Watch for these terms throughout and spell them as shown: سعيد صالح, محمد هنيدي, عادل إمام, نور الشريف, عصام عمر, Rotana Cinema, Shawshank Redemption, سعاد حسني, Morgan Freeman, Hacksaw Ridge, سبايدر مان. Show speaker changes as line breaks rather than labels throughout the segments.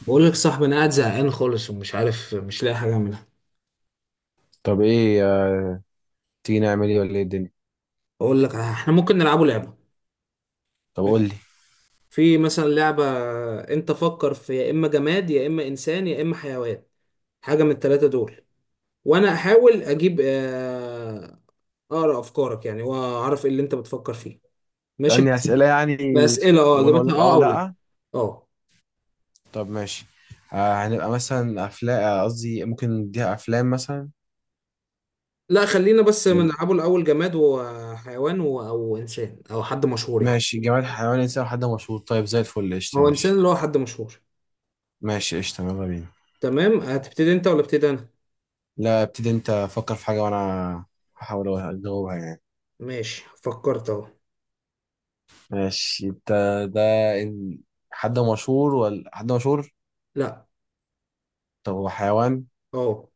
بقول لك يا صاحبي، انا قاعد زهقان خالص ومش عارف، مش لاقي حاجه اعملها.
طب ايه تيجي نعمل ايه ولا ايه الدنيا؟
اقول لك احنا ممكن نلعبوا لعبه.
طب قول لي.
ماشي. في مثلا لعبه. انت فكر في يا اما جماد يا اما انسان يا اما حيوان، حاجه من الثلاثه دول، وانا احاول اجيب اقرا افكارك يعني واعرف ايه اللي انت بتفكر فيه. ماشي.
اسالني اسئله يعني،
باسئله اه
وانا اقول
اجابتها
لك اه
اه
ولا
او لا.
لا.
اه.
طب ماشي. آه هنبقى مثلا افلام، قصدي ممكن نديها افلام مثلا.
لا، خلينا بس
مم.
نلعبوا الاول جماد وحيوان او انسان او حد مشهور يعني.
ماشي، جماد حيوان انسان حد مشهور، طيب زي الفل قشطه
هو انسان
ماشي.
اللي هو حد مشهور.
ماشي قشطه يلا بينا.
تمام، هتبتدي انت ولا ابتدي انا؟
لا ابتدي انت، فكر في حاجه وانا هحاول اجاوبها يعني.
ماشي، فكرت اهو.
ماشي. انت ده إن- حد مشهور ولا حد مشهور؟
لا.
طب هو حيوان؟
اه.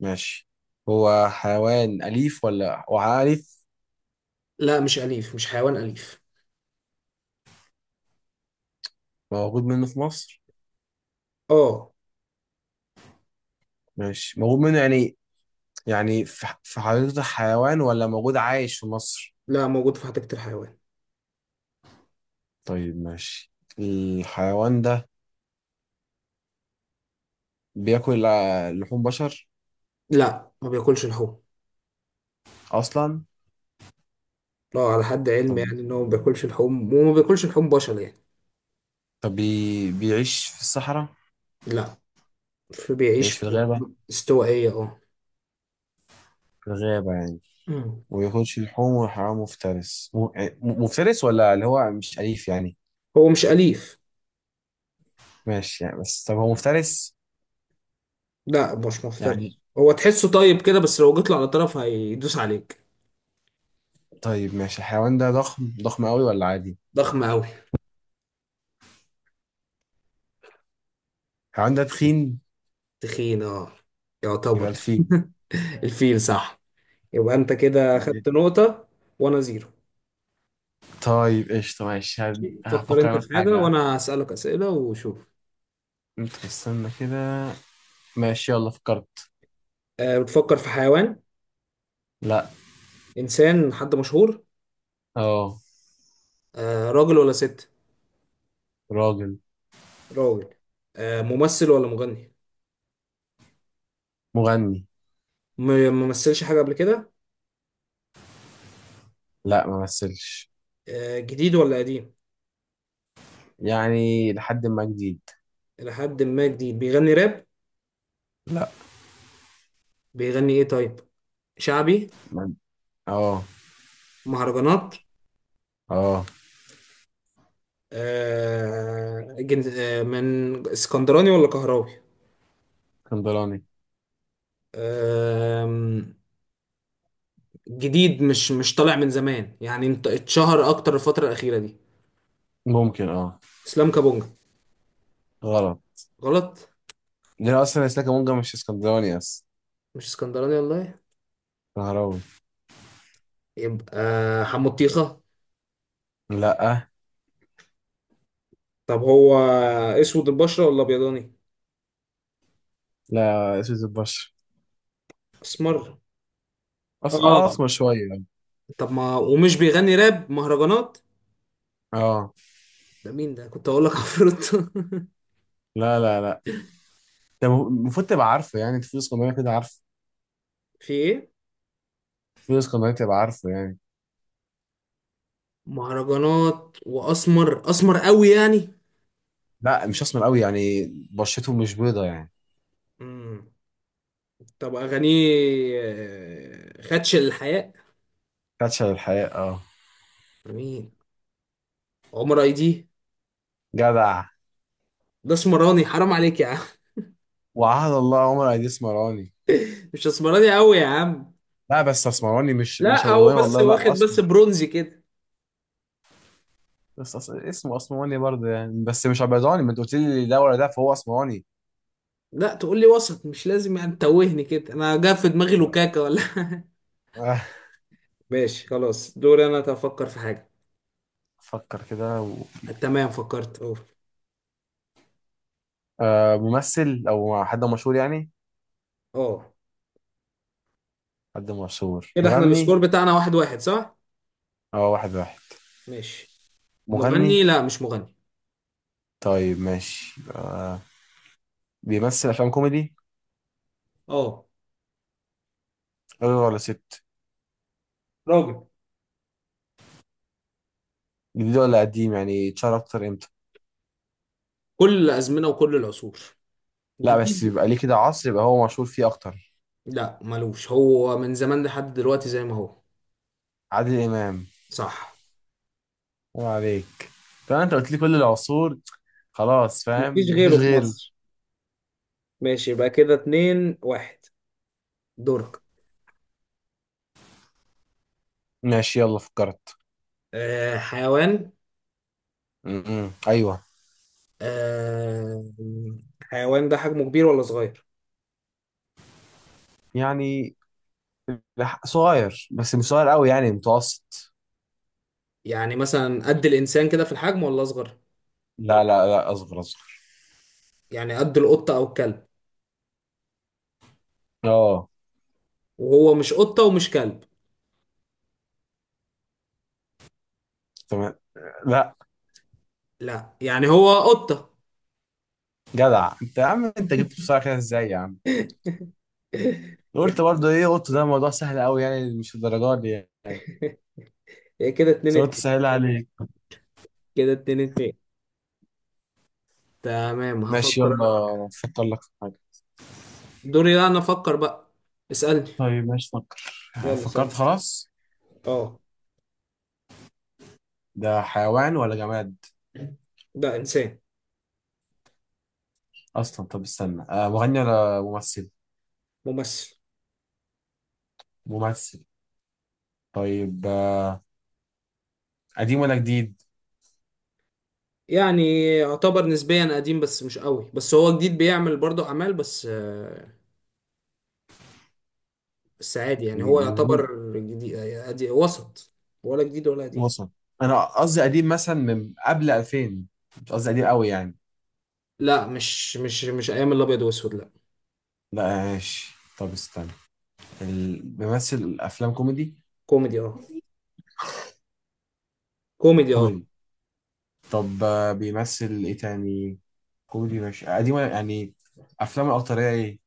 ماشي، هو حيوان أليف ولا هو أليف؟
لا، مش أليف، مش حيوان أليف.
موجود منه في مصر؟
اه.
ماشي موجود منه يعني. يعني في حديقة الحيوان ولا موجود عايش في مصر؟
لا، موجود في حديقة الحيوان.
طيب ماشي. الحيوان ده بياكل لحوم بشر
لا، ما بياكلش لحوم.
أصلا؟
اه، على حد علمي
طب
يعني ان هو ما بياكلش لحوم وما بياكلش لحوم بشر يعني.
طب بيعيش في الصحراء؟
لا. فبيعيش
بيعيش
في
في الغابة؟
مناطق استوائية اه.
في الغابة يعني.
مم.
وياكلش لحوم، وحيوان مفترس يعني مفترس ولا اللي هو مش أليف يعني؟
هو مش أليف.
ماشي يعني، بس طب هو مفترس؟
لا، مش
يعني
مفترس، هو تحسه طيب كده بس لو جيت له على طرف هيدوس عليك.
طيب ماشي، الحيوان ده ضخم ضخم قوي ولا عادي؟
ضخم أوي.
الحيوان ده تخين؟
تخين اه،
يبقى
يعتبر.
الفيل.
الفيل صح. يبقى انت كده خدت نقطة، وانا زيرو.
طيب قشطة ماشي،
فكر
هفكر
انت
أول
في حاجة
حاجة، ها؟
وانا هسألك اسئلة وشوف.
انت استنى كده. ماشي يلا فكرت.
أه، بتفكر في حيوان؟
لا.
انسان، حد مشهور.
اه.
أه، راجل ولا ست؟
راجل.
راجل. أه، ممثل ولا مغني؟
مغني.
ممثلش حاجة قبل كده؟
لا ما مثلش.
أه، جديد ولا قديم؟
يعني لحد ما جديد.
الى حد ما جديد، بيغني راب؟ بيغني ايه طيب؟ شعبي؟
ما- اه.
مهرجانات؟
اه.
أه. من اسكندراني ولا كهراوي؟
اسكندراني.
أه، جديد، مش طالع من زمان يعني، انت اتشهر اكتر الفترة الأخيرة دي.
ممكن اه.
اسلام كابونجا؟
غلط.
غلط.
ليه اصلا اسلاك مونجا مش اسكندراني اصلا؟
مش اسكندراني والله.
نهراوي.
يبقى حمطيخة؟
لا.
طب هو اسود البشرة ولا ابيضاني؟
لا اسود البشر.
اسمر
أص... آه،
اه.
اسمر شوية يعني.
طب ما ومش بيغني راب مهرجانات،
اه.
ده مين؟ ده كنت اقول لك عفروت.
لا لا لا. ده المفروض تبقى عارفه يعني، انت في اسكندراني كده عارفه.
في ايه؟
في اسكندراني تبقى عارفه يعني.
مهرجانات، واسمر، اسمر قوي يعني؟
لا مش اسمر قوي يعني، بشرته مش بيضة يعني.
مم. طب اغانيه خدش الحياء؟
فاتشة للحياة اه.
مين؟ عمر اي دي؟
جدع.
ده اسمراني، حرام عليك يا عم.
وعهد الله عمر أيدي اسمراني.
مش اسمراني قوي يا عم.
لا بس اسمراني مش
لا، هو
ابيضاني
بس
والله،
واخد
لا
بس
اسمر.
برونزي كده.
بس اسمه اسمراني برضه يعني، بس مش ابيضاني، ما انت قلت لي ده ولا ده، فهو اسمراني.
لا، تقول لي وسط، مش لازم يعني تتوهني كده، انا جا في دماغي
آه،
لوكاكا ولا
آه.
ماشي خلاص، دوري انا افكر في حاجه.
فكر كده
تمام، فكرت اه.
آه، ممثل او حد مشهور يعني.
اه.
حد مشهور
كده احنا السكور
مغني.
بتاعنا 1-1 صح؟
اه واحد واحد.
ماشي.
مغني.
مغني، لا مش مغني.
طيب ماشي. بيمثل افلام كوميدي؟
اه.
راجل ولا ست؟
راجل.
جديد ولا قديم، يعني اتشهر اكتر امتى؟
كل الازمنه وكل العصور،
لا بس
جديد.
يبقى ليه كده عصر يبقى هو مشهور فيه اكتر.
لا، ملوش، هو من زمان لحد دلوقتي زي ما هو.
عادل امام.
صح.
الله عليك. طبعا انت قلت لي كل العصور، خلاص
مفيش
فاهم
غيره
مفيش
في
غيره.
مصر. ماشي، يبقى كده 2-1. دورك.
ماشي يلا فكرت.
آه، حيوان.
م-م. ايوه.
آه، حيوان ده حجمه كبير ولا صغير؟
يعني صغير بس مش صغير قوي يعني، متوسط.
يعني مثلا قد الانسان كده في الحجم ولا اصغر؟
لا لا لا، اصغر اصغر.
يعني قد القطه او الكلب؟
اه.
وهو مش قطه ومش كلب؟
تمام. لا.
لا، يعني هو قطه.
جدع انت يا عم، انت جبت بسرعه كده ازاي يا عم؟ قلت برضه ايه، قلت ده موضوع سهل قوي يعني، مش الدرجات دي يعني.
يبقى كده اتنين
بس قلت
اتنين
سهل عليك.
كده اتنين اتنين. تمام،
ماشي
هفكر انا.
يلا فكر لك في حاجه.
دوري، لا انا افكر بقى. اسالني.
طيب ماشي فكر.
يلا
فكرت
اسالني.
خلاص.
اه.
ده حيوان ولا جماد
ده انسان.
اصلا؟ طب استنى، آه مغني ولا ممثل؟
ممثل.
ممثل. طيب آه، قديم ولا جديد؟
يعني يعتبر نسبيا قديم بس مش قوي، بس هو جديد بيعمل برضه اعمال، بس بس عادي يعني، هو
جديد من-
يعتبر جديد وسط، ولا جديد ولا قديم.
وصل. انا قصدي قديم مثلا من قبل 2000، مش قصدي قديم قوي يعني.
لا، مش ايام الابيض واسود لا.
لا ماشي طب استنى. بيمثل افلام كوميدي؟
كوميدي اه. كوميدي اه.
كوميدي. طب آه بيمثل ايه تاني؟ كوميدي ماشي، قديم ولا يعني افلامه الاكتريه ايه؟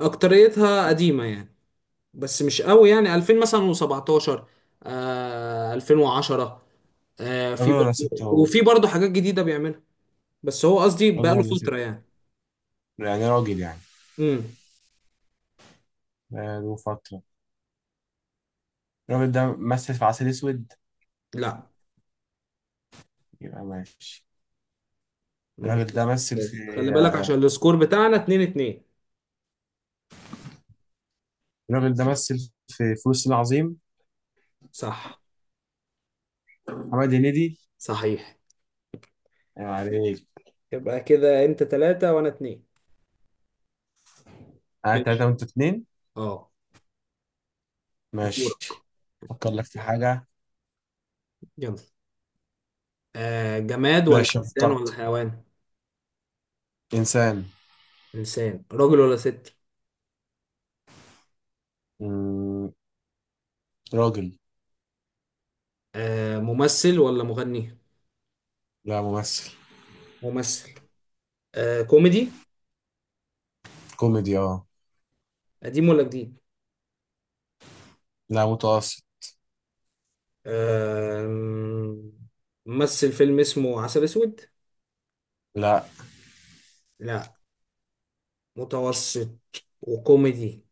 اكتريتها قديمة يعني، بس مش قوي، يعني 2000 مثلا و17، آه 2010، آه في
راجل ولا
برضه
ست هو؟
وفي برضه حاجات جديدة بيعملها. بس هو قصدي
راجل
بقاله
ولا ست؟
فترة يعني.
يعني راجل يعني.
امم.
بقاله فترة. الراجل ده مثل في عسل اسود؟
لا،
يبقى ماشي.
ما
الراجل ده
مسكتش.
مثل في،
خلي بالك عشان السكور بتاعنا 2-2.
الراجل ده مثل في فلوس العظيم.
صح.
محمد هنيدي.
صحيح.
ايوه عليك.
يبقى كده انت ثلاثة وانا اتنين.
انا تلاته
ماشي.
وانت اتنين.
اه. دورك.
ماشي. افكر لك في حاجه.
يلا. آه، جماد ولا
ماشي أنا
انسان ولا
فكرت.
حيوان؟
انسان.
انسان، راجل ولا ست؟
مم. راجل.
آه، ممثل ولا مغني؟
لا ممثل.
ممثل. آه، كوميدي؟
كوميدي اه.
قديم ولا جديد؟
لا متوسط.
آه، ممثل فيلم اسمه عسل اسود؟
لا.
لا، متوسط، وكوميدي،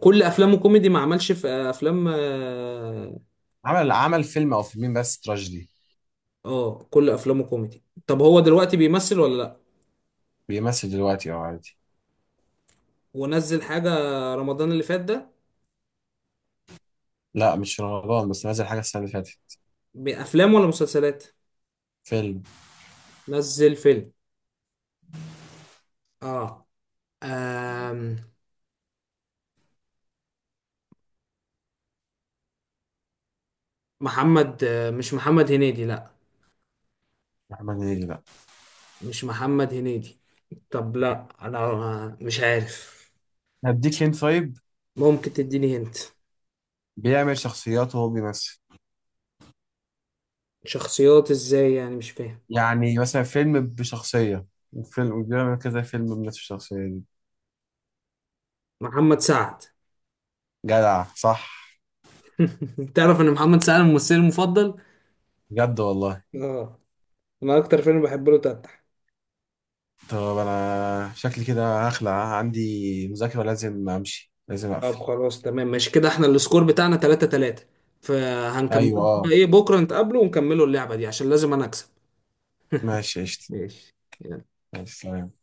كل افلامه كوميدي، ما عملش في افلام اه.
عمل فيلم او فيلمين بس تراجيدي.
كل افلامه كوميدي، طب هو دلوقتي بيمثل ولا لا؟
بيمثل دلوقتي اه عادي.
ونزل حاجة رمضان اللي فات ده؟
لا مش في رمضان، بس نازل حاجه السنه اللي فاتت.
بافلام ولا مسلسلات؟
فيلم.
نزل فيلم. اه. آم، محمد مش محمد هنيدي لا.
محمد هنيدي، لا.
مش محمد هنيدي. طب لا انا مش عارف.
هديك هنت طيب.
ممكن تديني هنت.
بيعمل شخصيات وهو بيمثل.
شخصيات ازاي يعني مش فاهم؟
يعني مثلا فيلم بشخصية، وفيلم بيعمل كذا فيلم بنفس الشخصية دي.
محمد سعد.
جدع صح.
تعرف ان محمد سعد ممثلي المفضل؟
بجد والله.
اه. انا اكتر فيلم بحب له تفتح.
طب أنا شكلي كده هخلع، عندي مذاكرة، لازم أمشي، لازم أقفل.
طب خلاص تمام ماشي، كده احنا السكور بتاعنا 3-3. فهنكمل
أيوة أه.
ايه بكره، نتقابله ونكملوا اللعبة دي عشان لازم انا اكسب.
ماشي قشطة.
ماشي.
ماشي سلام.